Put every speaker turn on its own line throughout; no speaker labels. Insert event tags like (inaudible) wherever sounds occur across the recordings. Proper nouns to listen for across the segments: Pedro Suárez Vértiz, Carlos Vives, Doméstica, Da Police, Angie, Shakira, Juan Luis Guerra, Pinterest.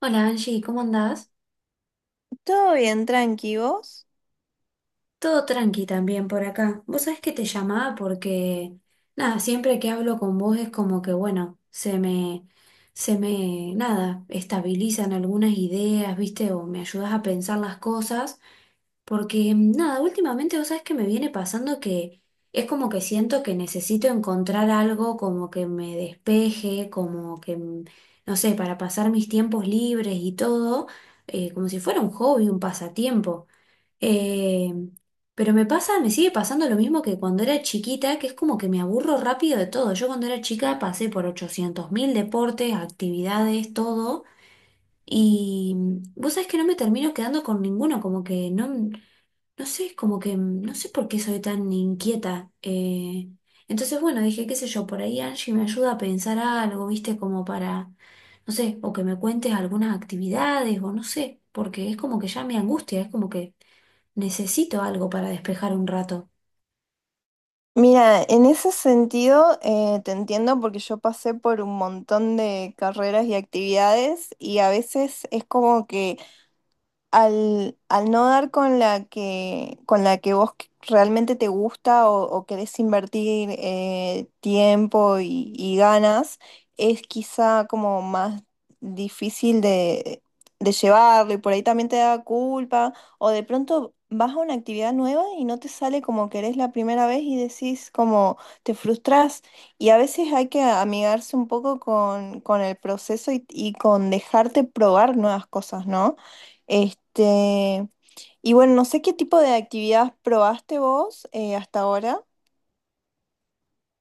Hola Angie, ¿cómo andás?
Todo bien, tranqui, ¿vos?
Todo tranqui también por acá. Vos sabés que te llamaba porque, nada, siempre que hablo con vos es como que, bueno, se me, nada, estabilizan algunas ideas, ¿viste? O me ayudás a pensar las cosas porque, nada, últimamente vos sabés que me viene pasando que es como que siento que necesito encontrar algo como que me despeje, como que, no sé, para pasar mis tiempos libres y todo, como si fuera un hobby, un pasatiempo. Eh, pero me pasa, me sigue pasando lo mismo que cuando era chiquita, que es como que me aburro rápido de todo. Yo cuando era chica pasé por 800.000 deportes, actividades, todo. Y vos sabés que no me termino quedando con ninguno, como que no, no sé, es como que no sé por qué soy tan inquieta. Entonces, bueno, dije, qué sé yo, por ahí Angie me ayuda a pensar algo, viste, como para, no sé, o que me cuentes algunas actividades, o no sé, porque es como que ya me angustia, es como que... Necesito algo para despejar un rato.
Mira, en ese sentido te entiendo porque yo pasé por un montón de carreras y actividades y a veces es como que al no dar con con la que realmente te gusta o querés invertir tiempo y ganas, es quizá como más difícil de llevarlo y por ahí también te da culpa o de pronto vas a una actividad nueva y no te sale como querés la primera vez y decís como te frustrás y a veces hay que amigarse un poco con el proceso y con dejarte probar nuevas cosas, ¿no? Este, y bueno, no sé qué tipo de actividad probaste vos hasta ahora.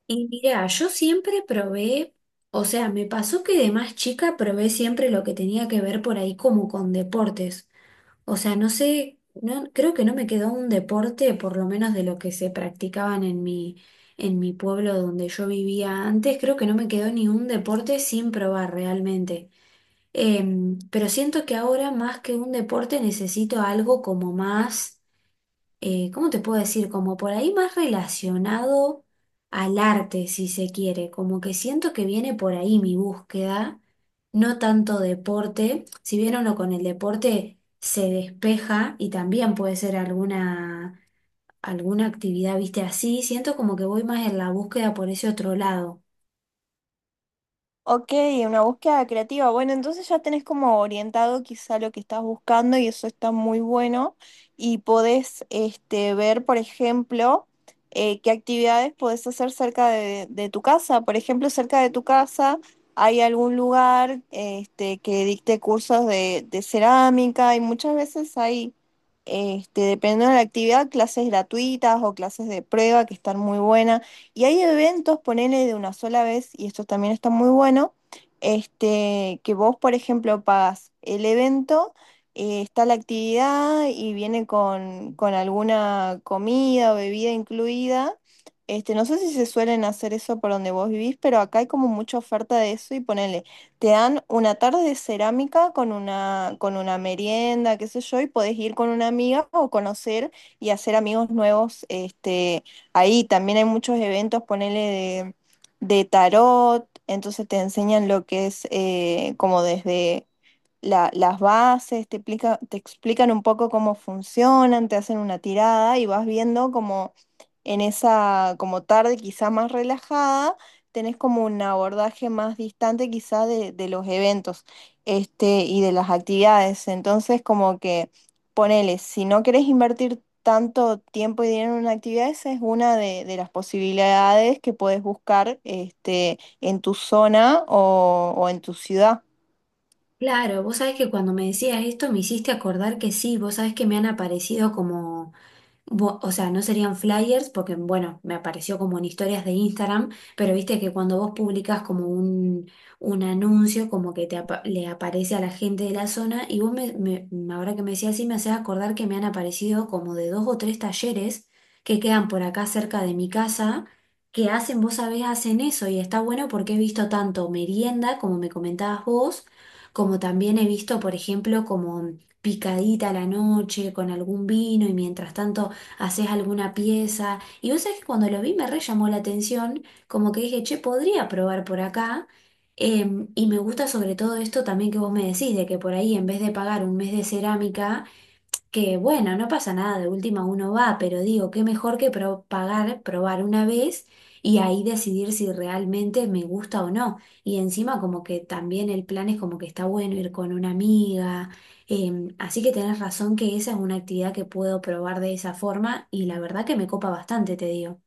Y mira, yo siempre probé, o sea, me pasó que de más chica probé siempre lo que tenía que ver por ahí como con deportes. O sea, no sé, no, creo que no me quedó un deporte, por lo menos de lo que se practicaban en mi pueblo donde yo vivía antes, creo que no me quedó ni un deporte sin probar realmente. Pero siento que ahora más que un deporte necesito algo como más ¿cómo te puedo decir? Como por ahí más relacionado al arte, si se quiere, como que siento que viene por ahí mi búsqueda, no tanto deporte, si bien uno con el deporte se despeja y también puede ser alguna, alguna actividad, viste, así, siento como que voy más en la búsqueda por ese otro lado.
Ok, una búsqueda creativa. Bueno, entonces ya tenés como orientado quizá lo que estás buscando y eso está muy bueno. Y podés este, ver, por ejemplo, qué actividades podés hacer cerca de tu casa. Por ejemplo, cerca de tu casa hay algún lugar este, que dicte cursos de cerámica y muchas veces hay, este, dependiendo de la actividad, clases gratuitas o clases de prueba que están muy buenas. Y hay eventos, ponele de una sola vez, y esto también está muy bueno, este, que vos, por ejemplo, pagas el evento, está la actividad y viene con alguna comida o bebida incluida. Este, no sé si se suelen hacer eso por donde vos vivís, pero acá hay como mucha oferta de eso y ponele, te dan una tarde de cerámica con una merienda, qué sé yo, y podés ir con una amiga o conocer y hacer amigos nuevos, este, ahí también hay muchos eventos, ponele de tarot, entonces te enseñan lo que es como desde las bases, te explican un poco cómo funcionan, te hacen una tirada y vas viendo como en esa como tarde quizá más relajada, tenés como un abordaje más distante quizá de los eventos este, y de las actividades. Entonces como que ponele, si no querés invertir tanto tiempo y dinero en una actividad, esa es una de las posibilidades que podés buscar este, en tu zona o en tu ciudad.
Claro, vos sabés que cuando me decías esto me hiciste acordar que sí, vos sabés que me han aparecido como Bu- o sea, no serían flyers porque, bueno, me apareció como en historias de Instagram, pero viste que cuando vos publicas como un anuncio, como que te apa- le aparece a la gente de la zona, y vos ahora que me decías así, me hacés acordar que me han aparecido como de dos o tres talleres que quedan por acá cerca de mi casa, que hacen, vos sabés, hacen eso, y está bueno porque he visto tanto merienda, como me comentabas vos, como también he visto, por ejemplo, como picadita a la noche con algún vino y mientras tanto haces alguna pieza. Y vos sabés que cuando lo vi me re llamó la atención, como que dije, che, podría probar por acá. Y me gusta sobre todo esto también que vos me decís, de que por ahí en vez de pagar un mes de cerámica, que bueno, no pasa nada, de última uno va, pero digo, qué mejor que pro- pagar, probar una vez y ahí decidir si realmente me gusta o no. Y encima como que también el plan es como que está bueno ir con una amiga. Así que tenés razón que esa es una actividad que puedo probar de esa forma y la verdad que me copa bastante, te digo.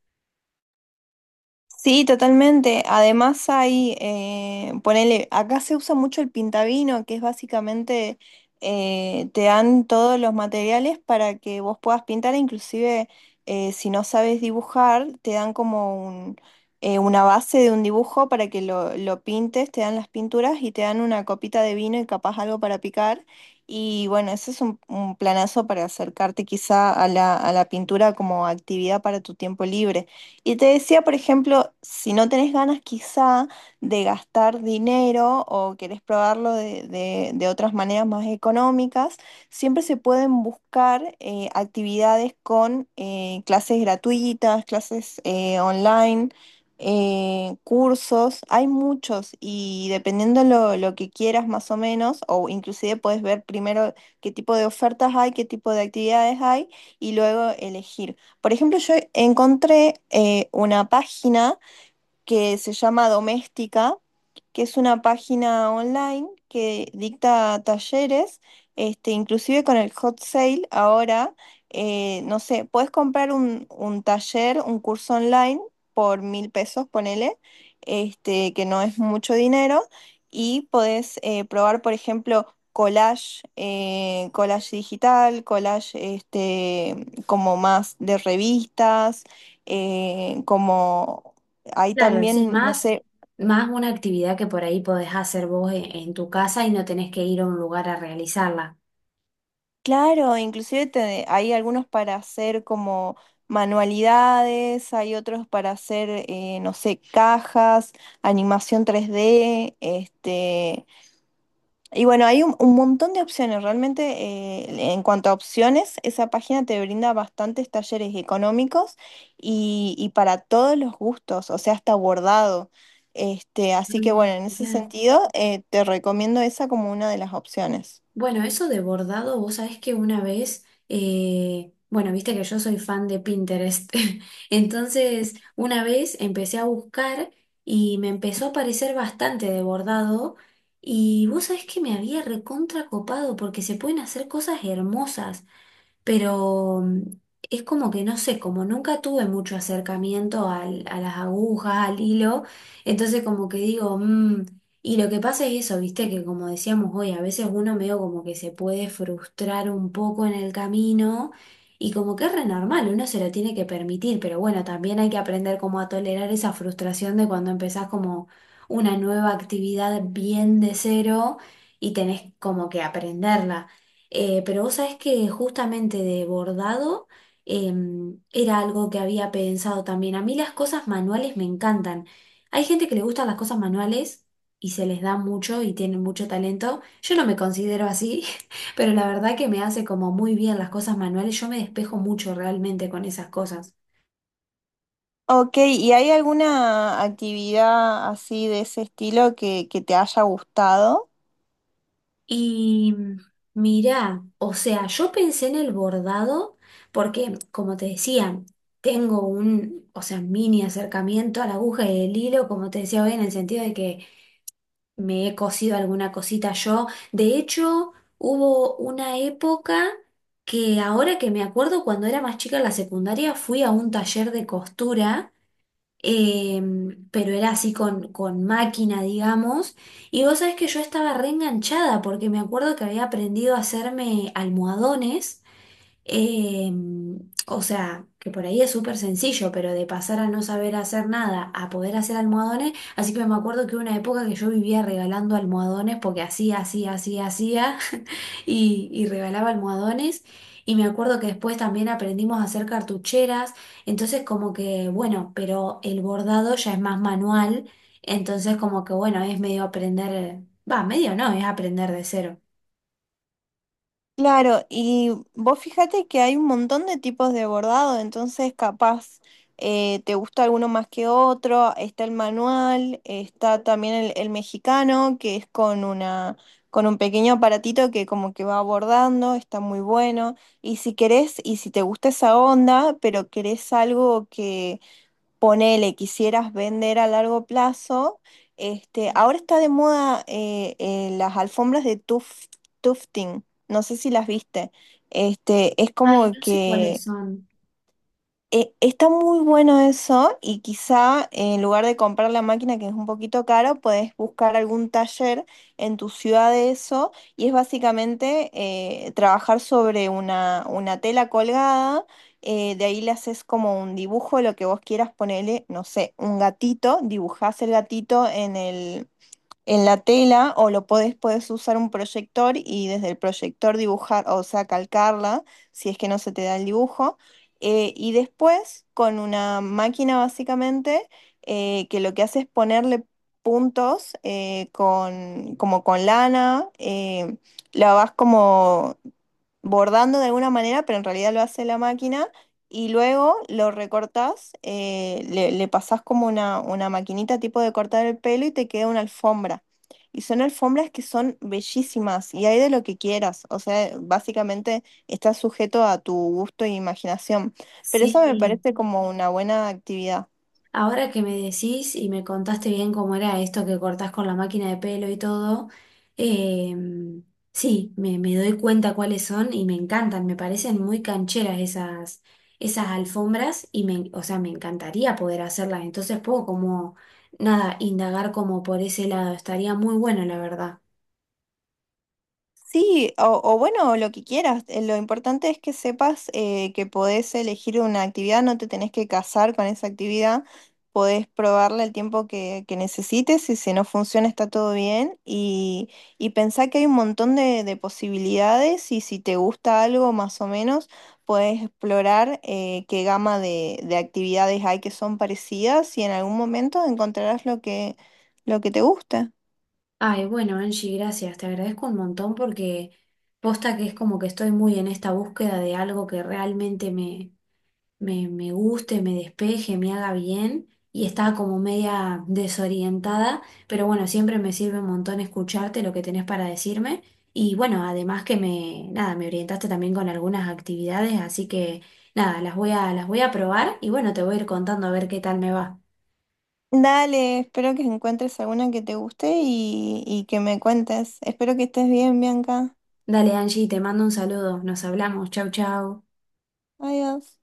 Sí, totalmente. Además hay, ponele, acá se usa mucho el pintavino, que es básicamente, te dan todos los materiales para que vos puedas pintar, e inclusive si no sabes dibujar, te dan como un, una base de un dibujo para que lo pintes, te dan las pinturas y te dan una copita de vino y capaz algo para picar. Y bueno, ese es un planazo para acercarte quizá a a la pintura como actividad para tu tiempo libre. Y te decía, por ejemplo, si no tenés ganas quizá de gastar dinero o querés probarlo de otras maneras más económicas, siempre se pueden buscar actividades con clases gratuitas, clases online, cursos. Hay muchos y dependiendo lo que quieras más o menos, o inclusive puedes ver primero qué tipo de ofertas hay, qué tipo de actividades hay y luego elegir. Por ejemplo, yo encontré una página que se llama Doméstica, que es una página online que dicta talleres, este, inclusive con el hot sale ahora, no sé, puedes comprar un taller, un curso online por mil pesos, ponele, este, que no es mucho dinero, y podés probar, por ejemplo, collage, collage digital, collage este, como más de revistas como hay
Claro, sí,
también, no
más,
sé,
más una actividad que por ahí podés hacer vos en tu casa y no tenés que ir a un lugar a realizarla.
claro, inclusive hay algunos para hacer como manualidades, hay otros para hacer, no sé, cajas, animación 3D, este, y bueno, hay un montón de opciones. Realmente, en cuanto a opciones, esa página te brinda bastantes talleres económicos y para todos los gustos, o sea, hasta bordado. Este, así que
Mm,
bueno, en ese
mirá.
sentido, te recomiendo esa como una de las opciones.
Bueno, eso de bordado, vos sabés que una vez, bueno, viste que yo soy fan de Pinterest, (laughs) entonces una vez empecé a buscar y me empezó a parecer bastante de bordado y vos sabés que me había recontra copado porque se pueden hacer cosas hermosas pero es como que no sé, como nunca tuve mucho acercamiento al- a las agujas, al hilo, entonces como que digo, "Mm". Y lo que pasa es eso, viste, que como decíamos hoy, a veces uno medio como que se puede frustrar un poco en el camino. Y como que es re normal, uno se lo tiene que permitir, pero bueno, también hay que aprender como a tolerar esa frustración de cuando empezás como una nueva actividad bien de cero y tenés como que aprenderla. Pero vos sabés que justamente de bordado era algo que había pensado también. A mí las cosas manuales me encantan. Hay gente que le gustan las cosas manuales y se les da mucho y tienen mucho talento. Yo no me considero así, (laughs) pero la verdad que me hace como muy bien las cosas manuales. Yo me despejo mucho realmente con esas cosas.
Ok, ¿y hay alguna actividad así de ese estilo que te haya gustado?
Y mirá, o sea, yo pensé en el bordado porque, como te decía, tengo un, o sea, mini acercamiento a la aguja y el hilo, como te decía hoy, en el sentido de que me he cosido alguna cosita yo. De hecho, hubo una época que ahora que me acuerdo, cuando era más chica en la secundaria, fui a un taller de costura pero era así con máquina, digamos. Y vos sabés que yo estaba reenganchada porque me acuerdo que había aprendido a hacerme almohadones. Eh, o sea, que por ahí es súper sencillo, pero de pasar a no saber hacer nada a poder hacer almohadones, así que me acuerdo que hubo una época que yo vivía regalando almohadones porque hacía (laughs) y regalaba almohadones. Y me acuerdo que después también aprendimos a hacer cartucheras, entonces como que, bueno, pero el bordado ya es más manual, entonces como que, bueno, es medio aprender, va, medio no, es aprender de cero.
Claro, y vos fíjate que hay un montón de tipos de bordado, entonces capaz te gusta alguno más que otro, está el manual, está también el mexicano, que es con una, con un pequeño aparatito que como que va bordando, está muy bueno. Y si querés, y si te gusta esa onda, pero querés algo que ponele, quisieras vender a largo plazo, este, ahora está de moda las alfombras de tufting, no sé si las viste, este, es
Ay,
como
no sé cuáles
que
son.
está muy bueno eso y quizá en lugar de comprar la máquina que es un poquito caro puedes buscar algún taller en tu ciudad de eso y es básicamente trabajar sobre una tela colgada, de ahí le haces como un dibujo, lo que vos quieras ponerle, no sé, un gatito, dibujás el gatito en el, en la tela o lo podés, puedes usar un proyector y desde el proyector dibujar, o sea, calcarla, si es que no se te da el dibujo. Y después con una máquina básicamente que lo que hace es ponerle puntos con, como con lana, la vas como bordando de alguna manera, pero en realidad lo hace la máquina. Y luego lo recortás, le pasás como una maquinita tipo de cortar el pelo y te queda una alfombra. Y son alfombras que son bellísimas y hay de lo que quieras. O sea, básicamente está sujeto a tu gusto e imaginación. Pero eso me
Sí.
parece como una buena actividad.
Ahora que me decís y me contaste bien cómo era esto que cortás con la máquina de pelo y todo, eh, sí, me doy cuenta cuáles son y me encantan, me parecen muy cancheras esas, esas alfombras y me, o sea, me encantaría poder hacerlas, entonces puedo como, nada, indagar como por ese lado, estaría muy bueno, la verdad.
Sí, o bueno, lo que quieras. Lo importante es que sepas que podés elegir una actividad, no te tenés que casar con esa actividad, podés probarla el tiempo que necesites y si no funciona está todo bien y pensá que hay un montón de posibilidades y si te gusta algo más o menos, podés explorar qué gama de actividades hay que son parecidas y en algún momento encontrarás lo que te gusta.
Ay, bueno, Angie, gracias, te agradezco un montón porque posta que es como que estoy muy en esta búsqueda de algo que realmente me guste, me despeje, me haga bien. Y estaba como media desorientada, pero bueno, siempre me sirve un montón escucharte lo que tenés para decirme. Y bueno, además que me, nada, me orientaste también con algunas actividades, así que nada, las voy a probar y bueno, te voy a ir contando a ver qué tal me va.
Dale, espero que encuentres alguna que te guste y que me cuentes. Espero que estés bien, Bianca.
Dale, Angie, te mando un saludo. Nos hablamos. Chau, chau.
Adiós.